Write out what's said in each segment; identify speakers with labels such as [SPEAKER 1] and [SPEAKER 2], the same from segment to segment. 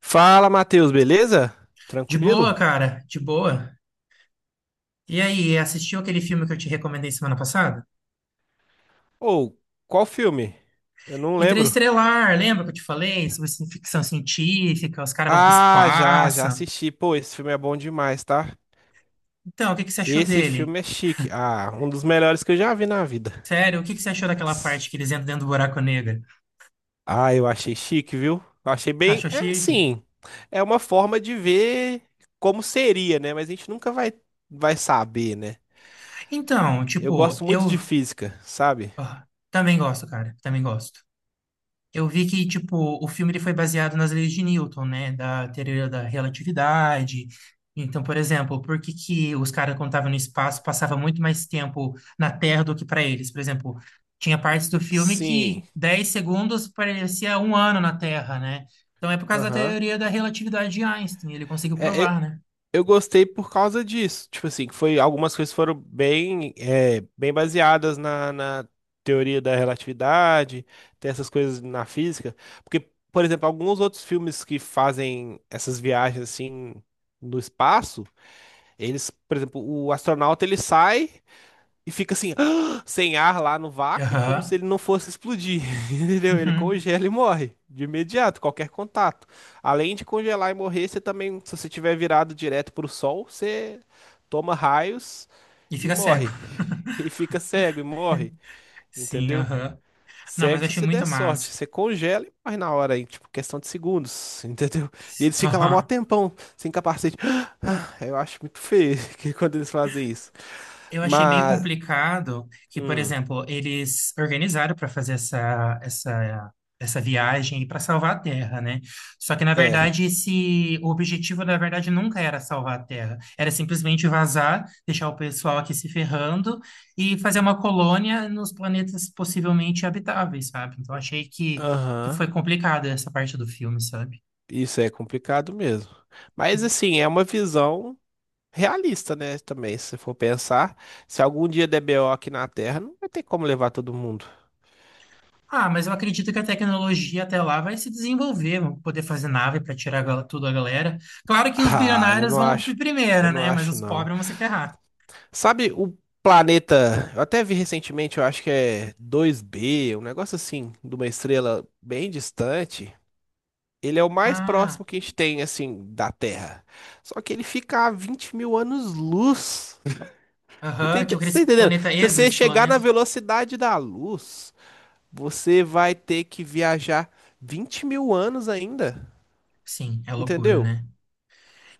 [SPEAKER 1] Fala, Matheus, beleza?
[SPEAKER 2] De boa,
[SPEAKER 1] Tranquilo?
[SPEAKER 2] cara, de boa. E aí, assistiu aquele filme que eu te recomendei semana passada?
[SPEAKER 1] Ou, qual filme? Eu não lembro.
[SPEAKER 2] Interestelar, lembra que eu te falei sobre ficção científica, os caras vão pro
[SPEAKER 1] Ah, já,
[SPEAKER 2] espaço.
[SPEAKER 1] já assisti. Pô, esse filme é bom demais, tá?
[SPEAKER 2] Então, o que que você achou
[SPEAKER 1] Esse
[SPEAKER 2] dele?
[SPEAKER 1] filme é chique. Ah, um dos melhores que eu já vi na vida.
[SPEAKER 2] Sério, o que que você achou daquela
[SPEAKER 1] S-
[SPEAKER 2] parte que eles entram dentro do buraco negro?
[SPEAKER 1] Ah, eu achei chique, viu? Eu achei bem.
[SPEAKER 2] Achou
[SPEAKER 1] É,
[SPEAKER 2] chique?
[SPEAKER 1] sim. É uma forma de ver como seria, né? Mas a gente nunca vai saber, né?
[SPEAKER 2] Então,
[SPEAKER 1] Eu
[SPEAKER 2] tipo,
[SPEAKER 1] gosto muito de física, sabe?
[SPEAKER 2] também gosto, cara, também gosto. Eu vi que, tipo, o filme ele foi baseado nas leis de Newton, né? Da teoria da relatividade. Então, por exemplo, por que que os caras, quando estavam no espaço, passavam muito mais tempo na Terra do que para eles? Por exemplo, tinha partes do filme
[SPEAKER 1] Sim.
[SPEAKER 2] que 10 segundos parecia um ano na Terra, né? Então, é por causa da
[SPEAKER 1] Aham.
[SPEAKER 2] teoria da relatividade de Einstein. Ele conseguiu
[SPEAKER 1] É, é,
[SPEAKER 2] provar, né?
[SPEAKER 1] eu gostei por causa disso. Tipo assim, que foi algumas coisas foram bem, é, bem baseadas na teoria da relatividade, tem essas coisas na física. Porque, por exemplo, alguns outros filmes que fazem essas viagens assim no espaço, eles, por exemplo, o astronauta ele sai. E fica assim, sem ar lá no vácuo, como se
[SPEAKER 2] Aham.
[SPEAKER 1] ele não fosse explodir. Entendeu? Ele congela e morre de imediato, qualquer contato. Além de congelar e morrer, você também, se você tiver virado direto pro sol, você toma raios
[SPEAKER 2] E
[SPEAKER 1] e
[SPEAKER 2] fica cego.
[SPEAKER 1] morre. E fica cego e morre,
[SPEAKER 2] Sim,
[SPEAKER 1] entendeu?
[SPEAKER 2] aham. Não, mas
[SPEAKER 1] Cego
[SPEAKER 2] eu
[SPEAKER 1] se
[SPEAKER 2] achei
[SPEAKER 1] você
[SPEAKER 2] muito
[SPEAKER 1] der sorte.
[SPEAKER 2] massa.
[SPEAKER 1] Você congela e morre na hora aí, tipo, questão de segundos, entendeu? E eles ficam lá mó
[SPEAKER 2] Aham.
[SPEAKER 1] tempão, sem capacete. Ah, eu acho muito feio que quando eles fazem isso.
[SPEAKER 2] Eu achei meio
[SPEAKER 1] Mas.
[SPEAKER 2] complicado que, por
[SPEAKER 1] hum,
[SPEAKER 2] exemplo, eles organizaram para fazer essa viagem para salvar a Terra, né? Só que, na
[SPEAKER 1] É,
[SPEAKER 2] verdade, esse, o objetivo, na verdade, nunca era salvar a Terra. Era simplesmente vazar, deixar o pessoal aqui se ferrando e fazer uma colônia nos planetas possivelmente habitáveis, sabe? Então, achei que
[SPEAKER 1] aham.
[SPEAKER 2] foi complicado essa parte do filme, sabe?
[SPEAKER 1] Isso é complicado mesmo. Mas assim, é uma visão realista, né? Também, se for pensar, se algum dia der BO aqui na Terra, não vai ter como levar todo mundo.
[SPEAKER 2] Ah, mas eu acredito que a tecnologia até lá vai se desenvolver, vão poder fazer nave para tirar tudo a galera. Claro que os
[SPEAKER 1] Ah,
[SPEAKER 2] bilionários vão
[SPEAKER 1] eu
[SPEAKER 2] primeiro,
[SPEAKER 1] não
[SPEAKER 2] né? Mas
[SPEAKER 1] acho
[SPEAKER 2] os
[SPEAKER 1] não.
[SPEAKER 2] pobres vão se ferrar.
[SPEAKER 1] Sabe o planeta, eu até vi recentemente, eu acho que é dois b um negócio assim, de uma estrela bem distante. Ele é o mais
[SPEAKER 2] Ah,
[SPEAKER 1] próximo que a gente tem, assim, da Terra. Só que ele fica a 20 mil anos-luz. Você tá
[SPEAKER 2] aham, tinha
[SPEAKER 1] ente-
[SPEAKER 2] aquele
[SPEAKER 1] você tá entendendo?
[SPEAKER 2] planeta
[SPEAKER 1] Se você chegar na
[SPEAKER 2] exoesplaneto.
[SPEAKER 1] velocidade da luz, você vai ter que viajar 20 mil anos ainda.
[SPEAKER 2] Sim, é loucura,
[SPEAKER 1] Entendeu?
[SPEAKER 2] né?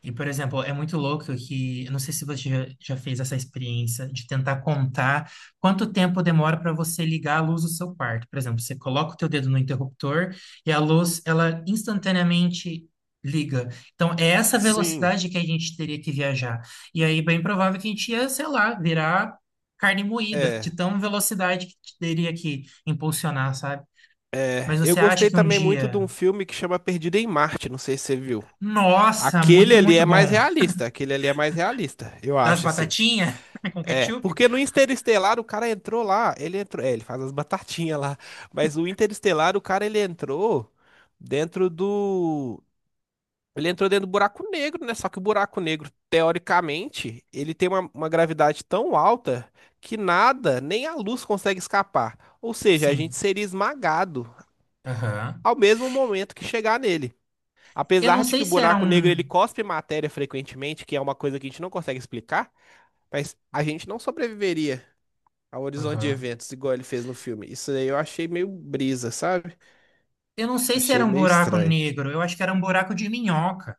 [SPEAKER 2] E, por exemplo, é muito louco que, eu não sei se você já fez essa experiência de tentar contar quanto tempo demora para você ligar a luz do seu quarto. Por exemplo, você coloca o teu dedo no interruptor e a luz, ela instantaneamente liga. Então, é essa
[SPEAKER 1] Sim.
[SPEAKER 2] velocidade que a gente teria que viajar. E aí, bem provável que a gente ia, sei lá, virar carne moída, de
[SPEAKER 1] É.
[SPEAKER 2] tão velocidade que teria que impulsionar, sabe? Mas
[SPEAKER 1] É. Eu
[SPEAKER 2] você acha
[SPEAKER 1] gostei
[SPEAKER 2] que um
[SPEAKER 1] também muito de
[SPEAKER 2] dia,
[SPEAKER 1] um filme que chama Perdido em Marte. Não sei se você viu.
[SPEAKER 2] nossa,
[SPEAKER 1] Aquele
[SPEAKER 2] muito,
[SPEAKER 1] ali
[SPEAKER 2] muito
[SPEAKER 1] é mais
[SPEAKER 2] bom,
[SPEAKER 1] realista. Aquele ali é mais realista, eu
[SPEAKER 2] das
[SPEAKER 1] acho, assim.
[SPEAKER 2] batatinhas com
[SPEAKER 1] É,
[SPEAKER 2] ketchup?
[SPEAKER 1] porque no Interestelar o cara entrou lá, ele entrou, é, ele faz as batatinhas lá, mas o Interestelar o cara ele entrou dentro do. Ele entrou dentro do buraco negro, né? Só que o buraco negro, teoricamente, ele tem uma gravidade tão alta que nada, nem a luz consegue escapar. Ou seja, a
[SPEAKER 2] Sim.
[SPEAKER 1] gente seria esmagado
[SPEAKER 2] Aham.
[SPEAKER 1] ao mesmo momento que chegar nele.
[SPEAKER 2] Eu não
[SPEAKER 1] Apesar de que
[SPEAKER 2] sei
[SPEAKER 1] o
[SPEAKER 2] se era
[SPEAKER 1] buraco negro ele
[SPEAKER 2] um.
[SPEAKER 1] cospe matéria frequentemente, que é uma coisa que a gente não consegue explicar, mas a gente não sobreviveria ao horizonte de
[SPEAKER 2] Aham.
[SPEAKER 1] eventos igual ele fez no filme. Isso aí eu achei meio brisa, sabe?
[SPEAKER 2] Eu não sei se era
[SPEAKER 1] Achei
[SPEAKER 2] um
[SPEAKER 1] meio
[SPEAKER 2] buraco
[SPEAKER 1] estranho.
[SPEAKER 2] negro. Eu acho que era um buraco de minhoca.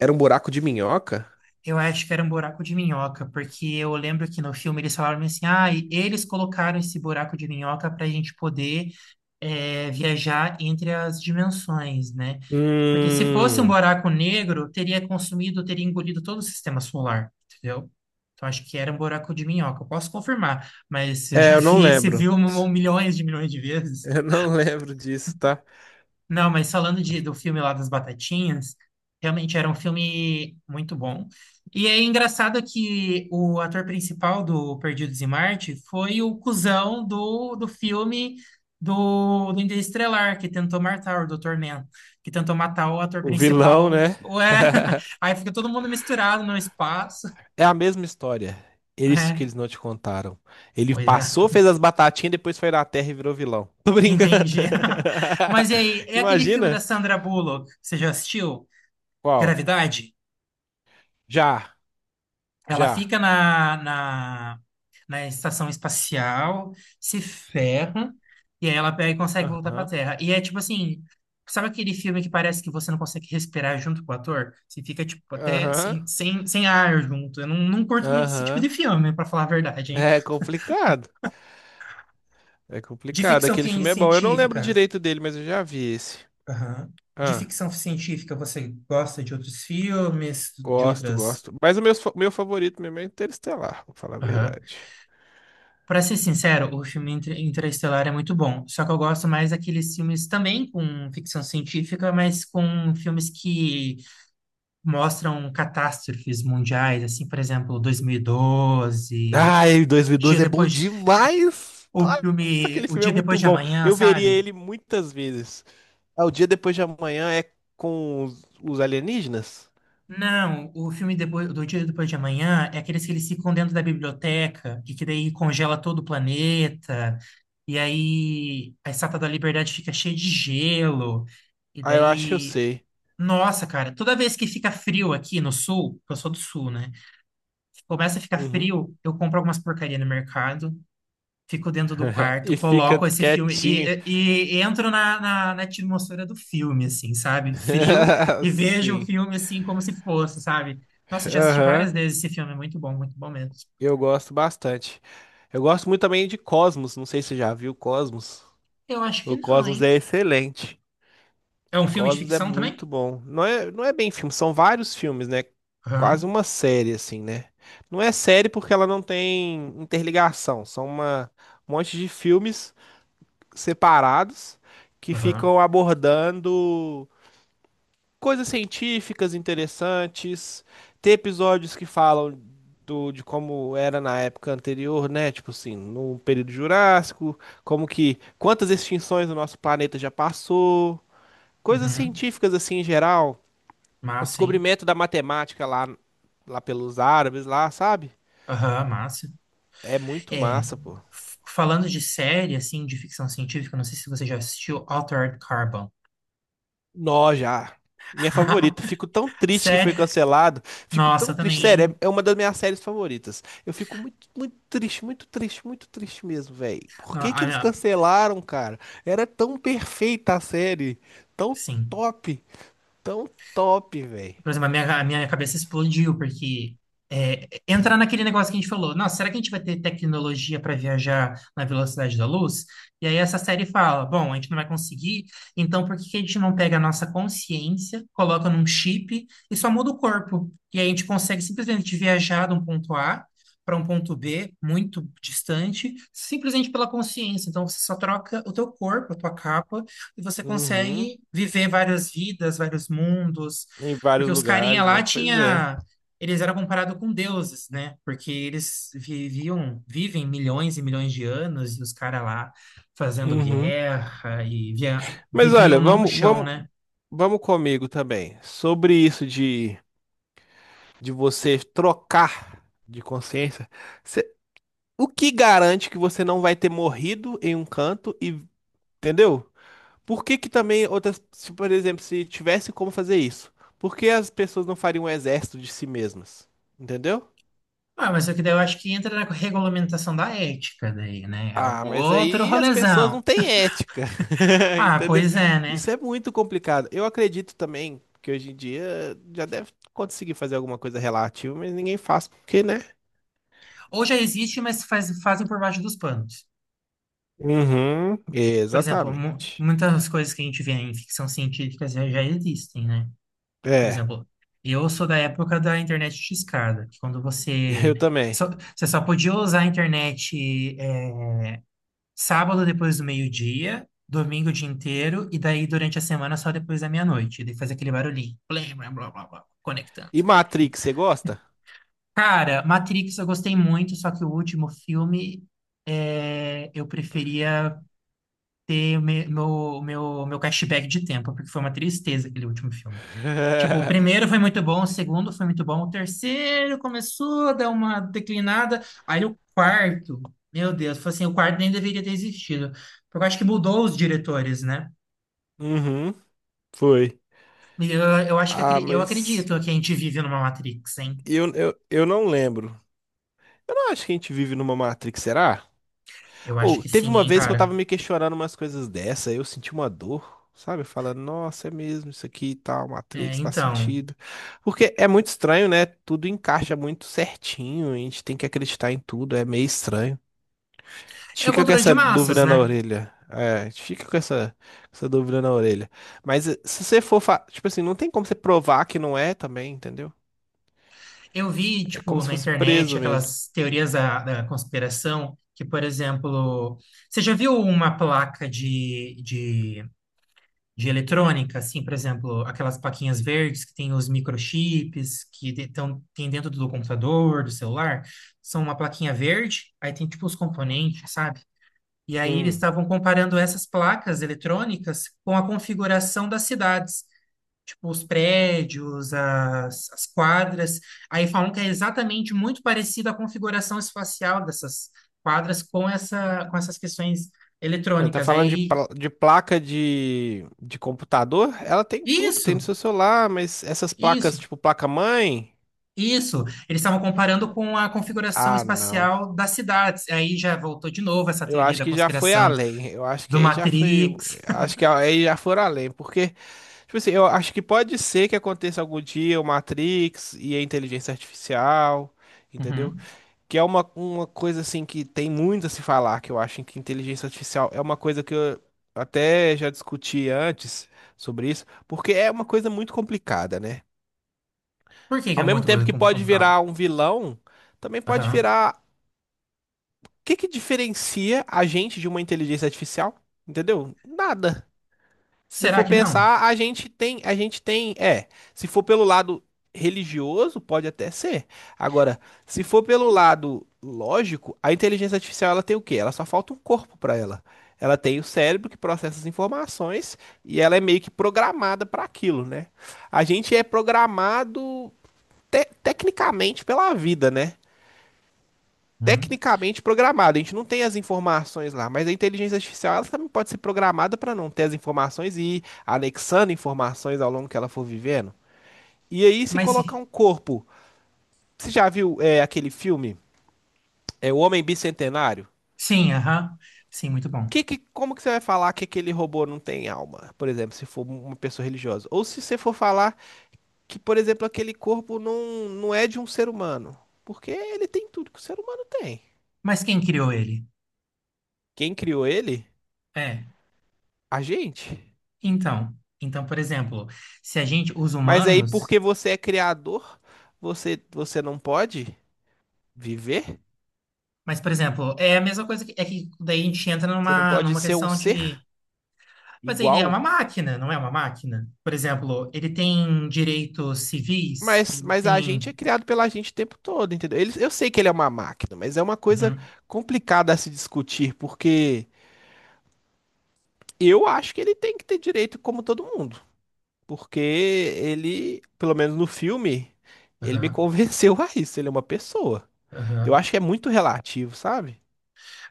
[SPEAKER 1] Era um buraco de minhoca?
[SPEAKER 2] Eu acho que era um buraco de minhoca, porque eu lembro que no filme eles falaram assim: ah, e eles colocaram esse buraco de minhoca para a gente poder viajar entre as dimensões, né? Porque se fosse um
[SPEAKER 1] Hum,
[SPEAKER 2] buraco negro, teria consumido, teria engolido todo o sistema solar, entendeu? Então acho que era um buraco de minhoca. Eu posso confirmar, mas eu já
[SPEAKER 1] é, eu não
[SPEAKER 2] vi esse
[SPEAKER 1] lembro.
[SPEAKER 2] filme um milhões de vezes.
[SPEAKER 1] Eu não lembro disso, tá?
[SPEAKER 2] Não, mas falando de, do filme lá das Batatinhas, realmente era um filme muito bom. E é engraçado que o ator principal do Perdidos em Marte foi o cuzão do filme do Interestelar, que tentou matar o Dr. Man, que tentou matar o ator
[SPEAKER 1] O vilão,
[SPEAKER 2] principal.
[SPEAKER 1] né?
[SPEAKER 2] Ué, aí fica todo mundo misturado no espaço.
[SPEAKER 1] É a mesma história. É isso que
[SPEAKER 2] É,
[SPEAKER 1] eles não te contaram. Ele
[SPEAKER 2] pois é,
[SPEAKER 1] passou, fez as batatinhas, depois foi na Terra e virou vilão. Tô brincando.
[SPEAKER 2] entendi. Mas e aí, é aquele filme da
[SPEAKER 1] Imagina.
[SPEAKER 2] Sandra Bullock, você já assistiu?
[SPEAKER 1] Qual?
[SPEAKER 2] Gravidade?
[SPEAKER 1] Já,
[SPEAKER 2] Ela
[SPEAKER 1] já.
[SPEAKER 2] fica na estação espacial, se ferra, e aí ela pega e consegue voltar pra
[SPEAKER 1] Aham,
[SPEAKER 2] Terra. E é tipo assim, sabe aquele filme que parece que você não consegue respirar junto com o ator? Você fica, tipo, até
[SPEAKER 1] aham,
[SPEAKER 2] sem ar junto. Eu não, não curto muito esse tipo
[SPEAKER 1] aham.
[SPEAKER 2] de filme, pra falar a verdade, hein?
[SPEAKER 1] É complicado. É
[SPEAKER 2] De
[SPEAKER 1] complicado.
[SPEAKER 2] ficção
[SPEAKER 1] Aquele filme é bom. Eu não lembro
[SPEAKER 2] científica.
[SPEAKER 1] direito dele, mas eu já vi esse.
[SPEAKER 2] Aham. De
[SPEAKER 1] Ah.
[SPEAKER 2] ficção científica, você gosta de outros filmes, de
[SPEAKER 1] Gosto,
[SPEAKER 2] outras.
[SPEAKER 1] gosto. Mas o meu favorito mesmo é Interestelar, vou falar a
[SPEAKER 2] Aham.
[SPEAKER 1] verdade.
[SPEAKER 2] Pra ser sincero, o filme Interestelar é muito bom. Só que eu gosto mais daqueles filmes também com ficção científica, mas com filmes que mostram catástrofes mundiais, assim, por exemplo, 2012, o
[SPEAKER 1] Ai,
[SPEAKER 2] dia
[SPEAKER 1] 2012 é bom
[SPEAKER 2] depois,
[SPEAKER 1] demais!
[SPEAKER 2] o
[SPEAKER 1] Nossa,
[SPEAKER 2] filme
[SPEAKER 1] aquele
[SPEAKER 2] O
[SPEAKER 1] filme é
[SPEAKER 2] Dia Depois
[SPEAKER 1] muito
[SPEAKER 2] de
[SPEAKER 1] bom.
[SPEAKER 2] Amanhã,
[SPEAKER 1] Eu veria
[SPEAKER 2] sabe?
[SPEAKER 1] ele muitas vezes. Ah, o dia depois de amanhã é com os alienígenas?
[SPEAKER 2] Não, o filme depois, do Dia Depois de Amanhã é aqueles que eles ficam dentro da biblioteca e que daí congela todo o planeta. E aí a Estátua da Liberdade fica cheia de gelo. E
[SPEAKER 1] Ah, eu acho que eu
[SPEAKER 2] daí,
[SPEAKER 1] sei.
[SPEAKER 2] nossa, cara, toda vez que fica frio aqui no sul, eu sou do sul, né? Começa a ficar
[SPEAKER 1] Uhum.
[SPEAKER 2] frio, eu compro algumas porcaria no mercado, fico dentro do quarto,
[SPEAKER 1] E fica
[SPEAKER 2] coloco esse filme e,
[SPEAKER 1] quietinho.
[SPEAKER 2] e- e entro na atmosfera do filme, assim, sabe? Frio e vejo o
[SPEAKER 1] Sim.
[SPEAKER 2] filme assim como se fosse, sabe? Nossa, já assisti
[SPEAKER 1] Aham,
[SPEAKER 2] várias vezes esse filme, é muito bom mesmo.
[SPEAKER 1] eu gosto bastante. Eu gosto muito também de Cosmos, não sei se você já viu Cosmos.
[SPEAKER 2] Eu acho que
[SPEAKER 1] O
[SPEAKER 2] não,
[SPEAKER 1] Cosmos
[SPEAKER 2] hein?
[SPEAKER 1] é excelente.
[SPEAKER 2] É um filme de
[SPEAKER 1] Cosmos é
[SPEAKER 2] ficção também?
[SPEAKER 1] muito bom. Não é, não é bem filme, são vários filmes, né? Quase
[SPEAKER 2] Aham,
[SPEAKER 1] uma série, assim, né? Não é série porque ela não tem interligação, são uma, um monte de filmes separados que
[SPEAKER 2] aham,
[SPEAKER 1] ficam abordando coisas científicas interessantes, ter episódios que falam do, de como era na época anterior, né? Tipo assim, no período Jurássico, como que quantas extinções o nosso planeta já passou, coisas
[SPEAKER 2] uhum.
[SPEAKER 1] científicas assim em geral, o
[SPEAKER 2] Massa, hein?
[SPEAKER 1] descobrimento da matemática lá pelos árabes lá, sabe?
[SPEAKER 2] Aham, massa.
[SPEAKER 1] É muito
[SPEAKER 2] É,
[SPEAKER 1] massa, pô.
[SPEAKER 2] falando de série, assim, de ficção científica, não sei se você já assistiu Altered Carbon.
[SPEAKER 1] Nó já. Minha favorita. Fico tão triste que foi
[SPEAKER 2] Sério?
[SPEAKER 1] cancelado. Fico tão
[SPEAKER 2] Nossa,
[SPEAKER 1] triste.
[SPEAKER 2] também,
[SPEAKER 1] Sério,
[SPEAKER 2] hein?
[SPEAKER 1] é uma das minhas séries favoritas. Eu fico muito, muito triste, muito triste, muito triste mesmo, velho. Por
[SPEAKER 2] No-
[SPEAKER 1] que que eles
[SPEAKER 2] ah, ah,
[SPEAKER 1] cancelaram, cara? Era tão perfeita a série. Tão
[SPEAKER 2] Sim.
[SPEAKER 1] top. Tão top, velho.
[SPEAKER 2] Por exemplo, a minha cabeça explodiu, porque entra naquele negócio que a gente falou, nossa, será que a gente vai ter tecnologia para viajar na velocidade da luz? E aí essa série fala, bom, a gente não vai conseguir, então por que que a gente não pega a nossa consciência, coloca num chip e só muda o corpo? E aí a gente consegue simplesmente viajar de um ponto A para um ponto B, muito distante, simplesmente pela consciência. Então você só troca o teu corpo, a tua capa, e você
[SPEAKER 1] Uhum.
[SPEAKER 2] consegue viver várias vidas, vários mundos,
[SPEAKER 1] Em
[SPEAKER 2] porque
[SPEAKER 1] vários
[SPEAKER 2] os carinha
[SPEAKER 1] lugares,
[SPEAKER 2] lá
[SPEAKER 1] né? Pois é.
[SPEAKER 2] tinha, eles eram comparados com deuses, né? Porque eles viviam, vivem milhões e milhões de anos e os caras lá fazendo
[SPEAKER 1] Uhum.
[SPEAKER 2] guerra e
[SPEAKER 1] Mas
[SPEAKER 2] viviam
[SPEAKER 1] olha,
[SPEAKER 2] não no
[SPEAKER 1] vamos,
[SPEAKER 2] chão,
[SPEAKER 1] vamos,
[SPEAKER 2] né?
[SPEAKER 1] vamos comigo também. Sobre isso de você trocar de consciência. O que garante que você não vai ter morrido em um canto e, entendeu? Por que que também outras, se, por exemplo, se tivesse como fazer isso, por que as pessoas não fariam um exército de si mesmas? Entendeu?
[SPEAKER 2] Ah, mas é que daí eu acho que entra na regulamentação da ética daí, né? É um
[SPEAKER 1] Ah, mas
[SPEAKER 2] outro
[SPEAKER 1] aí as pessoas
[SPEAKER 2] rolezão.
[SPEAKER 1] não têm ética,
[SPEAKER 2] Ah,
[SPEAKER 1] entendeu?
[SPEAKER 2] pois é, né?
[SPEAKER 1] Isso é muito complicado. Eu acredito também que hoje em dia já deve conseguir fazer alguma coisa relativa, mas ninguém faz porque, né?
[SPEAKER 2] Ou já existe, mas fazem por baixo dos panos.
[SPEAKER 1] Uhum,
[SPEAKER 2] Por exemplo,
[SPEAKER 1] exatamente.
[SPEAKER 2] muitas coisas que a gente vê em ficção científica já existem, né? Por
[SPEAKER 1] É,
[SPEAKER 2] exemplo, eu sou da época da internet de escada, que quando
[SPEAKER 1] eu também.
[SPEAKER 2] só, você só podia usar a internet sábado depois do meio-dia, domingo o dia inteiro, e daí durante a semana só depois da meia-noite. E daí faz aquele barulhinho, blé, blá, blá, blá, blá, conectando.
[SPEAKER 1] E
[SPEAKER 2] E,
[SPEAKER 1] Matrix, você gosta?
[SPEAKER 2] cara, Matrix eu gostei muito, só que o último filme eu preferia ter o meu cashback de tempo, porque foi uma tristeza aquele último filme. Tipo, o primeiro foi muito bom, o segundo foi muito bom, o terceiro começou a dar uma declinada, aí o quarto, meu Deus, foi assim, o quarto nem deveria ter existido, porque eu acho que mudou os diretores, né?
[SPEAKER 1] Uhum, foi.
[SPEAKER 2] E eu acho que
[SPEAKER 1] Ah,
[SPEAKER 2] eu acredito
[SPEAKER 1] mas
[SPEAKER 2] que a gente vive numa Matrix, hein?
[SPEAKER 1] eu não lembro. Eu não acho que a gente vive numa Matrix, será?
[SPEAKER 2] Eu acho
[SPEAKER 1] Ou
[SPEAKER 2] que
[SPEAKER 1] teve
[SPEAKER 2] sim,
[SPEAKER 1] uma
[SPEAKER 2] hein,
[SPEAKER 1] vez que eu
[SPEAKER 2] cara?
[SPEAKER 1] tava me questionando umas coisas dessa, eu senti uma dor, sabe? Falando, nossa, é mesmo isso aqui e tal,
[SPEAKER 2] É,
[SPEAKER 1] Matrix, faz
[SPEAKER 2] então,
[SPEAKER 1] sentido. Porque é muito estranho, né? Tudo encaixa muito certinho, a gente tem que acreditar em tudo, é meio estranho.
[SPEAKER 2] é o
[SPEAKER 1] Fica com
[SPEAKER 2] controle de
[SPEAKER 1] essa
[SPEAKER 2] massas,
[SPEAKER 1] dúvida na
[SPEAKER 2] né?
[SPEAKER 1] orelha. É, fica com essa dúvida na orelha. Mas se você for, tipo assim, não tem como você provar que não é também, entendeu?
[SPEAKER 2] Eu vi,
[SPEAKER 1] É como
[SPEAKER 2] tipo,
[SPEAKER 1] se
[SPEAKER 2] na
[SPEAKER 1] fosse
[SPEAKER 2] internet
[SPEAKER 1] preso mesmo.
[SPEAKER 2] aquelas teorias da conspiração que, por exemplo, você já viu uma placa de eletrônica, assim, por exemplo, aquelas plaquinhas verdes que tem os microchips que tão, tem dentro do computador, do celular? São uma plaquinha verde, aí tem, tipo, os componentes, sabe? E aí eles
[SPEAKER 1] Hum.
[SPEAKER 2] estavam comparando essas placas eletrônicas com a configuração das cidades, tipo, os prédios, as quadras. Aí falam que é exatamente muito parecida a configuração espacial dessas quadras com essa, com essas questões
[SPEAKER 1] Tá
[SPEAKER 2] eletrônicas.
[SPEAKER 1] falando de,
[SPEAKER 2] Aí,
[SPEAKER 1] de placa de computador? Ela tem tudo, tem no
[SPEAKER 2] isso,
[SPEAKER 1] seu celular, mas essas
[SPEAKER 2] isso,
[SPEAKER 1] placas, tipo placa-mãe?
[SPEAKER 2] isso. Eles estavam comparando com a configuração
[SPEAKER 1] Ah, não.
[SPEAKER 2] espacial das cidades. Aí já voltou de novo essa
[SPEAKER 1] Eu
[SPEAKER 2] teoria
[SPEAKER 1] acho
[SPEAKER 2] da
[SPEAKER 1] que já foi
[SPEAKER 2] conspiração
[SPEAKER 1] além. Eu acho que
[SPEAKER 2] do
[SPEAKER 1] aí já foi.
[SPEAKER 2] Matrix.
[SPEAKER 1] Acho que aí já foram além, porque. Tipo assim, eu acho que pode ser que aconteça algum dia o Matrix e a inteligência artificial, entendeu?
[SPEAKER 2] Uhum.
[SPEAKER 1] Que é uma coisa assim que tem muito a se falar, que eu acho que inteligência artificial é uma coisa que eu até já discuti antes sobre isso, porque é uma coisa muito complicada, né?
[SPEAKER 2] Por que que
[SPEAKER 1] Ao
[SPEAKER 2] é
[SPEAKER 1] mesmo
[SPEAKER 2] muita
[SPEAKER 1] tempo
[SPEAKER 2] coisa
[SPEAKER 1] que pode
[SPEAKER 2] complicada?
[SPEAKER 1] virar um vilão, também pode
[SPEAKER 2] Aham.
[SPEAKER 1] virar. O que que diferencia a gente de uma inteligência artificial? Entendeu? Nada. Se
[SPEAKER 2] Será
[SPEAKER 1] for
[SPEAKER 2] que não?
[SPEAKER 1] pensar, a gente tem, é, se for pelo lado religioso, pode até ser. Agora, se for pelo lado lógico, a inteligência artificial ela tem o quê? Ela só falta um corpo para ela. Ela tem o cérebro que processa as informações e ela é meio que programada para aquilo, né? A gente é programado tecnicamente pela vida, né?
[SPEAKER 2] Uhum.
[SPEAKER 1] Tecnicamente programado. A gente não tem as informações lá, mas a inteligência artificial ela também pode ser programada para não ter as informações e ir anexando informações ao longo que ela for vivendo. E aí, se
[SPEAKER 2] Mas se-
[SPEAKER 1] colocar um corpo, você já viu é, aquele filme, é, O Homem Bicentenário?
[SPEAKER 2] sim, aham. Sim, muito bom.
[SPEAKER 1] Que, como que você vai falar que aquele robô não tem alma, por exemplo, se for uma pessoa religiosa? Ou se você for falar que, por exemplo, aquele corpo não, não é de um ser humano? Porque ele tem tudo que o ser humano tem.
[SPEAKER 2] Mas quem criou ele?
[SPEAKER 1] Quem criou ele?
[SPEAKER 2] É,
[SPEAKER 1] A gente.
[SPEAKER 2] então, então, por exemplo, se a gente, os
[SPEAKER 1] Mas aí,
[SPEAKER 2] humanos,
[SPEAKER 1] porque você é criador, você, você não pode viver?
[SPEAKER 2] mas, por exemplo, é a mesma coisa que, é que daí a gente entra
[SPEAKER 1] Você não
[SPEAKER 2] numa,
[SPEAKER 1] pode
[SPEAKER 2] numa
[SPEAKER 1] ser um
[SPEAKER 2] questão
[SPEAKER 1] ser
[SPEAKER 2] de, mas ele é uma
[SPEAKER 1] igual?
[SPEAKER 2] máquina, não é uma máquina? Por exemplo, ele tem direitos civis,
[SPEAKER 1] Mas,
[SPEAKER 2] ele
[SPEAKER 1] mas a gente
[SPEAKER 2] tem,
[SPEAKER 1] é criado pela gente o tempo todo, entendeu? Ele- eu sei que ele é uma máquina, mas é uma coisa
[SPEAKER 2] uhum,
[SPEAKER 1] complicada a se discutir, porque eu acho que ele tem que ter direito como todo mundo. Porque ele, pelo menos no filme, ele me
[SPEAKER 2] aham,
[SPEAKER 1] convenceu a isso. Ele é uma pessoa. Eu
[SPEAKER 2] aham.
[SPEAKER 1] acho que é muito relativo, sabe?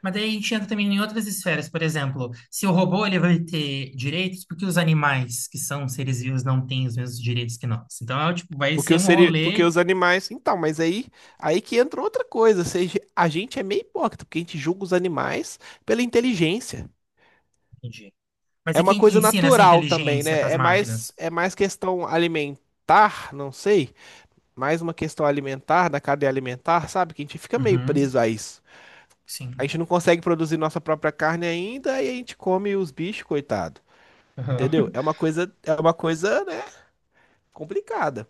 [SPEAKER 2] Mas daí a gente entra também em outras esferas, por exemplo, se o robô ele vai ter direitos, porque os animais que são seres vivos não têm os mesmos direitos que nós? Então, é, tipo, vai
[SPEAKER 1] Porque
[SPEAKER 2] ser
[SPEAKER 1] os,
[SPEAKER 2] um
[SPEAKER 1] seri... porque
[SPEAKER 2] rolê,
[SPEAKER 1] os animais. Então, mas aí, aí que entra outra coisa. Ou seja, a gente é meio hipócrita, porque a gente julga os animais pela inteligência.
[SPEAKER 2] entendi. Mas
[SPEAKER 1] É
[SPEAKER 2] é
[SPEAKER 1] uma
[SPEAKER 2] quem que
[SPEAKER 1] coisa
[SPEAKER 2] ensina essa
[SPEAKER 1] natural também,
[SPEAKER 2] inteligência para
[SPEAKER 1] né?
[SPEAKER 2] as máquinas?
[SPEAKER 1] É mais questão alimentar, não sei. Mais uma questão alimentar, da cadeia alimentar, sabe? Que a gente fica meio
[SPEAKER 2] Uhum,
[SPEAKER 1] preso a isso. A gente
[SPEAKER 2] sim.
[SPEAKER 1] não consegue produzir nossa própria carne ainda e a gente come os bichos, coitado. Entendeu?
[SPEAKER 2] Aham.
[SPEAKER 1] É uma coisa, né, complicada.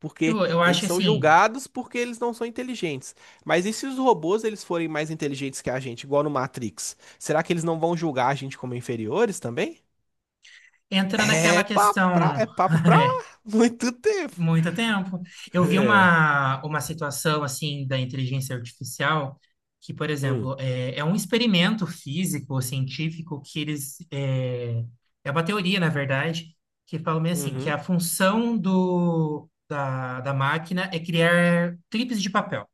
[SPEAKER 1] Porque
[SPEAKER 2] Tipo, eu acho
[SPEAKER 1] eles
[SPEAKER 2] que
[SPEAKER 1] são
[SPEAKER 2] assim,
[SPEAKER 1] julgados porque eles não são inteligentes. Mas e se os robôs eles forem mais inteligentes que a gente, igual no Matrix? Será que eles não vão julgar a gente como inferiores também?
[SPEAKER 2] entra naquela questão
[SPEAKER 1] É papo pra muito tempo.
[SPEAKER 2] muito tempo. Eu vi
[SPEAKER 1] É.
[SPEAKER 2] uma situação assim da inteligência artificial que, por
[SPEAKER 1] Hum.
[SPEAKER 2] exemplo, é um experimento físico, científico, que eles. É, é uma teoria, na verdade, que fala meio assim, que
[SPEAKER 1] Uhum.
[SPEAKER 2] a função do, da máquina é criar clipes de papel.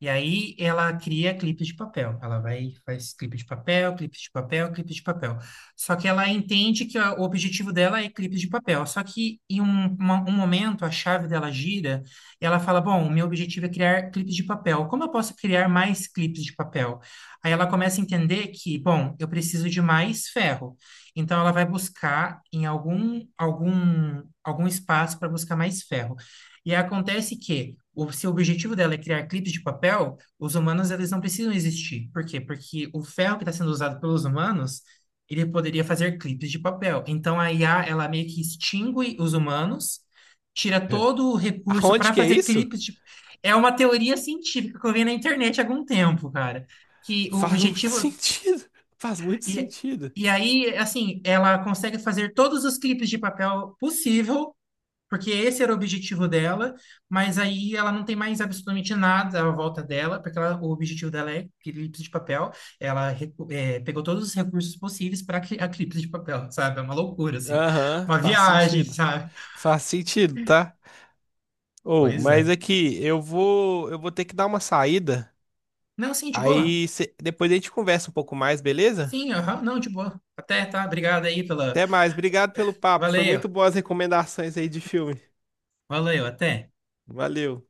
[SPEAKER 2] E aí ela cria clipes de papel. Ela vai faz clipe de papel, clipe de papel, clipe de papel. Só que ela entende que o objetivo dela é clipes de papel. Só que em um momento a chave dela gira e ela fala: bom, o meu objetivo é criar clipes de papel. Como eu posso criar mais clipes de papel? Aí ela começa a entender que, bom, eu preciso de mais ferro. Então ela vai buscar em algum espaço para buscar mais ferro. E acontece que, se o objetivo dela é criar clipes de papel, os humanos eles não precisam existir. Por quê? Porque o ferro que está sendo usado pelos humanos, ele poderia fazer clipes de papel. Então a IA, ela meio que extingue os humanos, tira
[SPEAKER 1] É.
[SPEAKER 2] todo o recurso
[SPEAKER 1] Aonde
[SPEAKER 2] para
[SPEAKER 1] que é
[SPEAKER 2] fazer
[SPEAKER 1] isso?
[SPEAKER 2] clipes de... É uma teoria científica que eu vi na internet há algum tempo, cara. Que o
[SPEAKER 1] Faz muito
[SPEAKER 2] objetivo...
[SPEAKER 1] sentido. Faz muito
[SPEAKER 2] E,
[SPEAKER 1] sentido.
[SPEAKER 2] e aí, assim, ela consegue fazer todos os clipes de papel possível porque esse era o objetivo dela, mas aí ela não tem mais absolutamente nada à volta dela, porque o objetivo dela é Eclipse de Papel. Ela pegou todos os recursos possíveis para a Eclipse de Papel, sabe? É uma loucura, assim.
[SPEAKER 1] Aham,
[SPEAKER 2] Uma
[SPEAKER 1] faz
[SPEAKER 2] viagem,
[SPEAKER 1] sentido.
[SPEAKER 2] sabe?
[SPEAKER 1] Faz sentido, tá? Ou,
[SPEAKER 2] Pois
[SPEAKER 1] mas
[SPEAKER 2] é.
[SPEAKER 1] é que eu vou ter que dar uma saída.
[SPEAKER 2] Não, sim, de boa.
[SPEAKER 1] Aí cê- depois a gente conversa um pouco mais, beleza?
[SPEAKER 2] Sim, aham, não, de boa. Até, tá? Obrigado aí pela.
[SPEAKER 1] Até mais. Obrigado pelo papo. Foi
[SPEAKER 2] Valeu,
[SPEAKER 1] muito boas recomendações aí de filme.
[SPEAKER 2] valeu, até.
[SPEAKER 1] Valeu.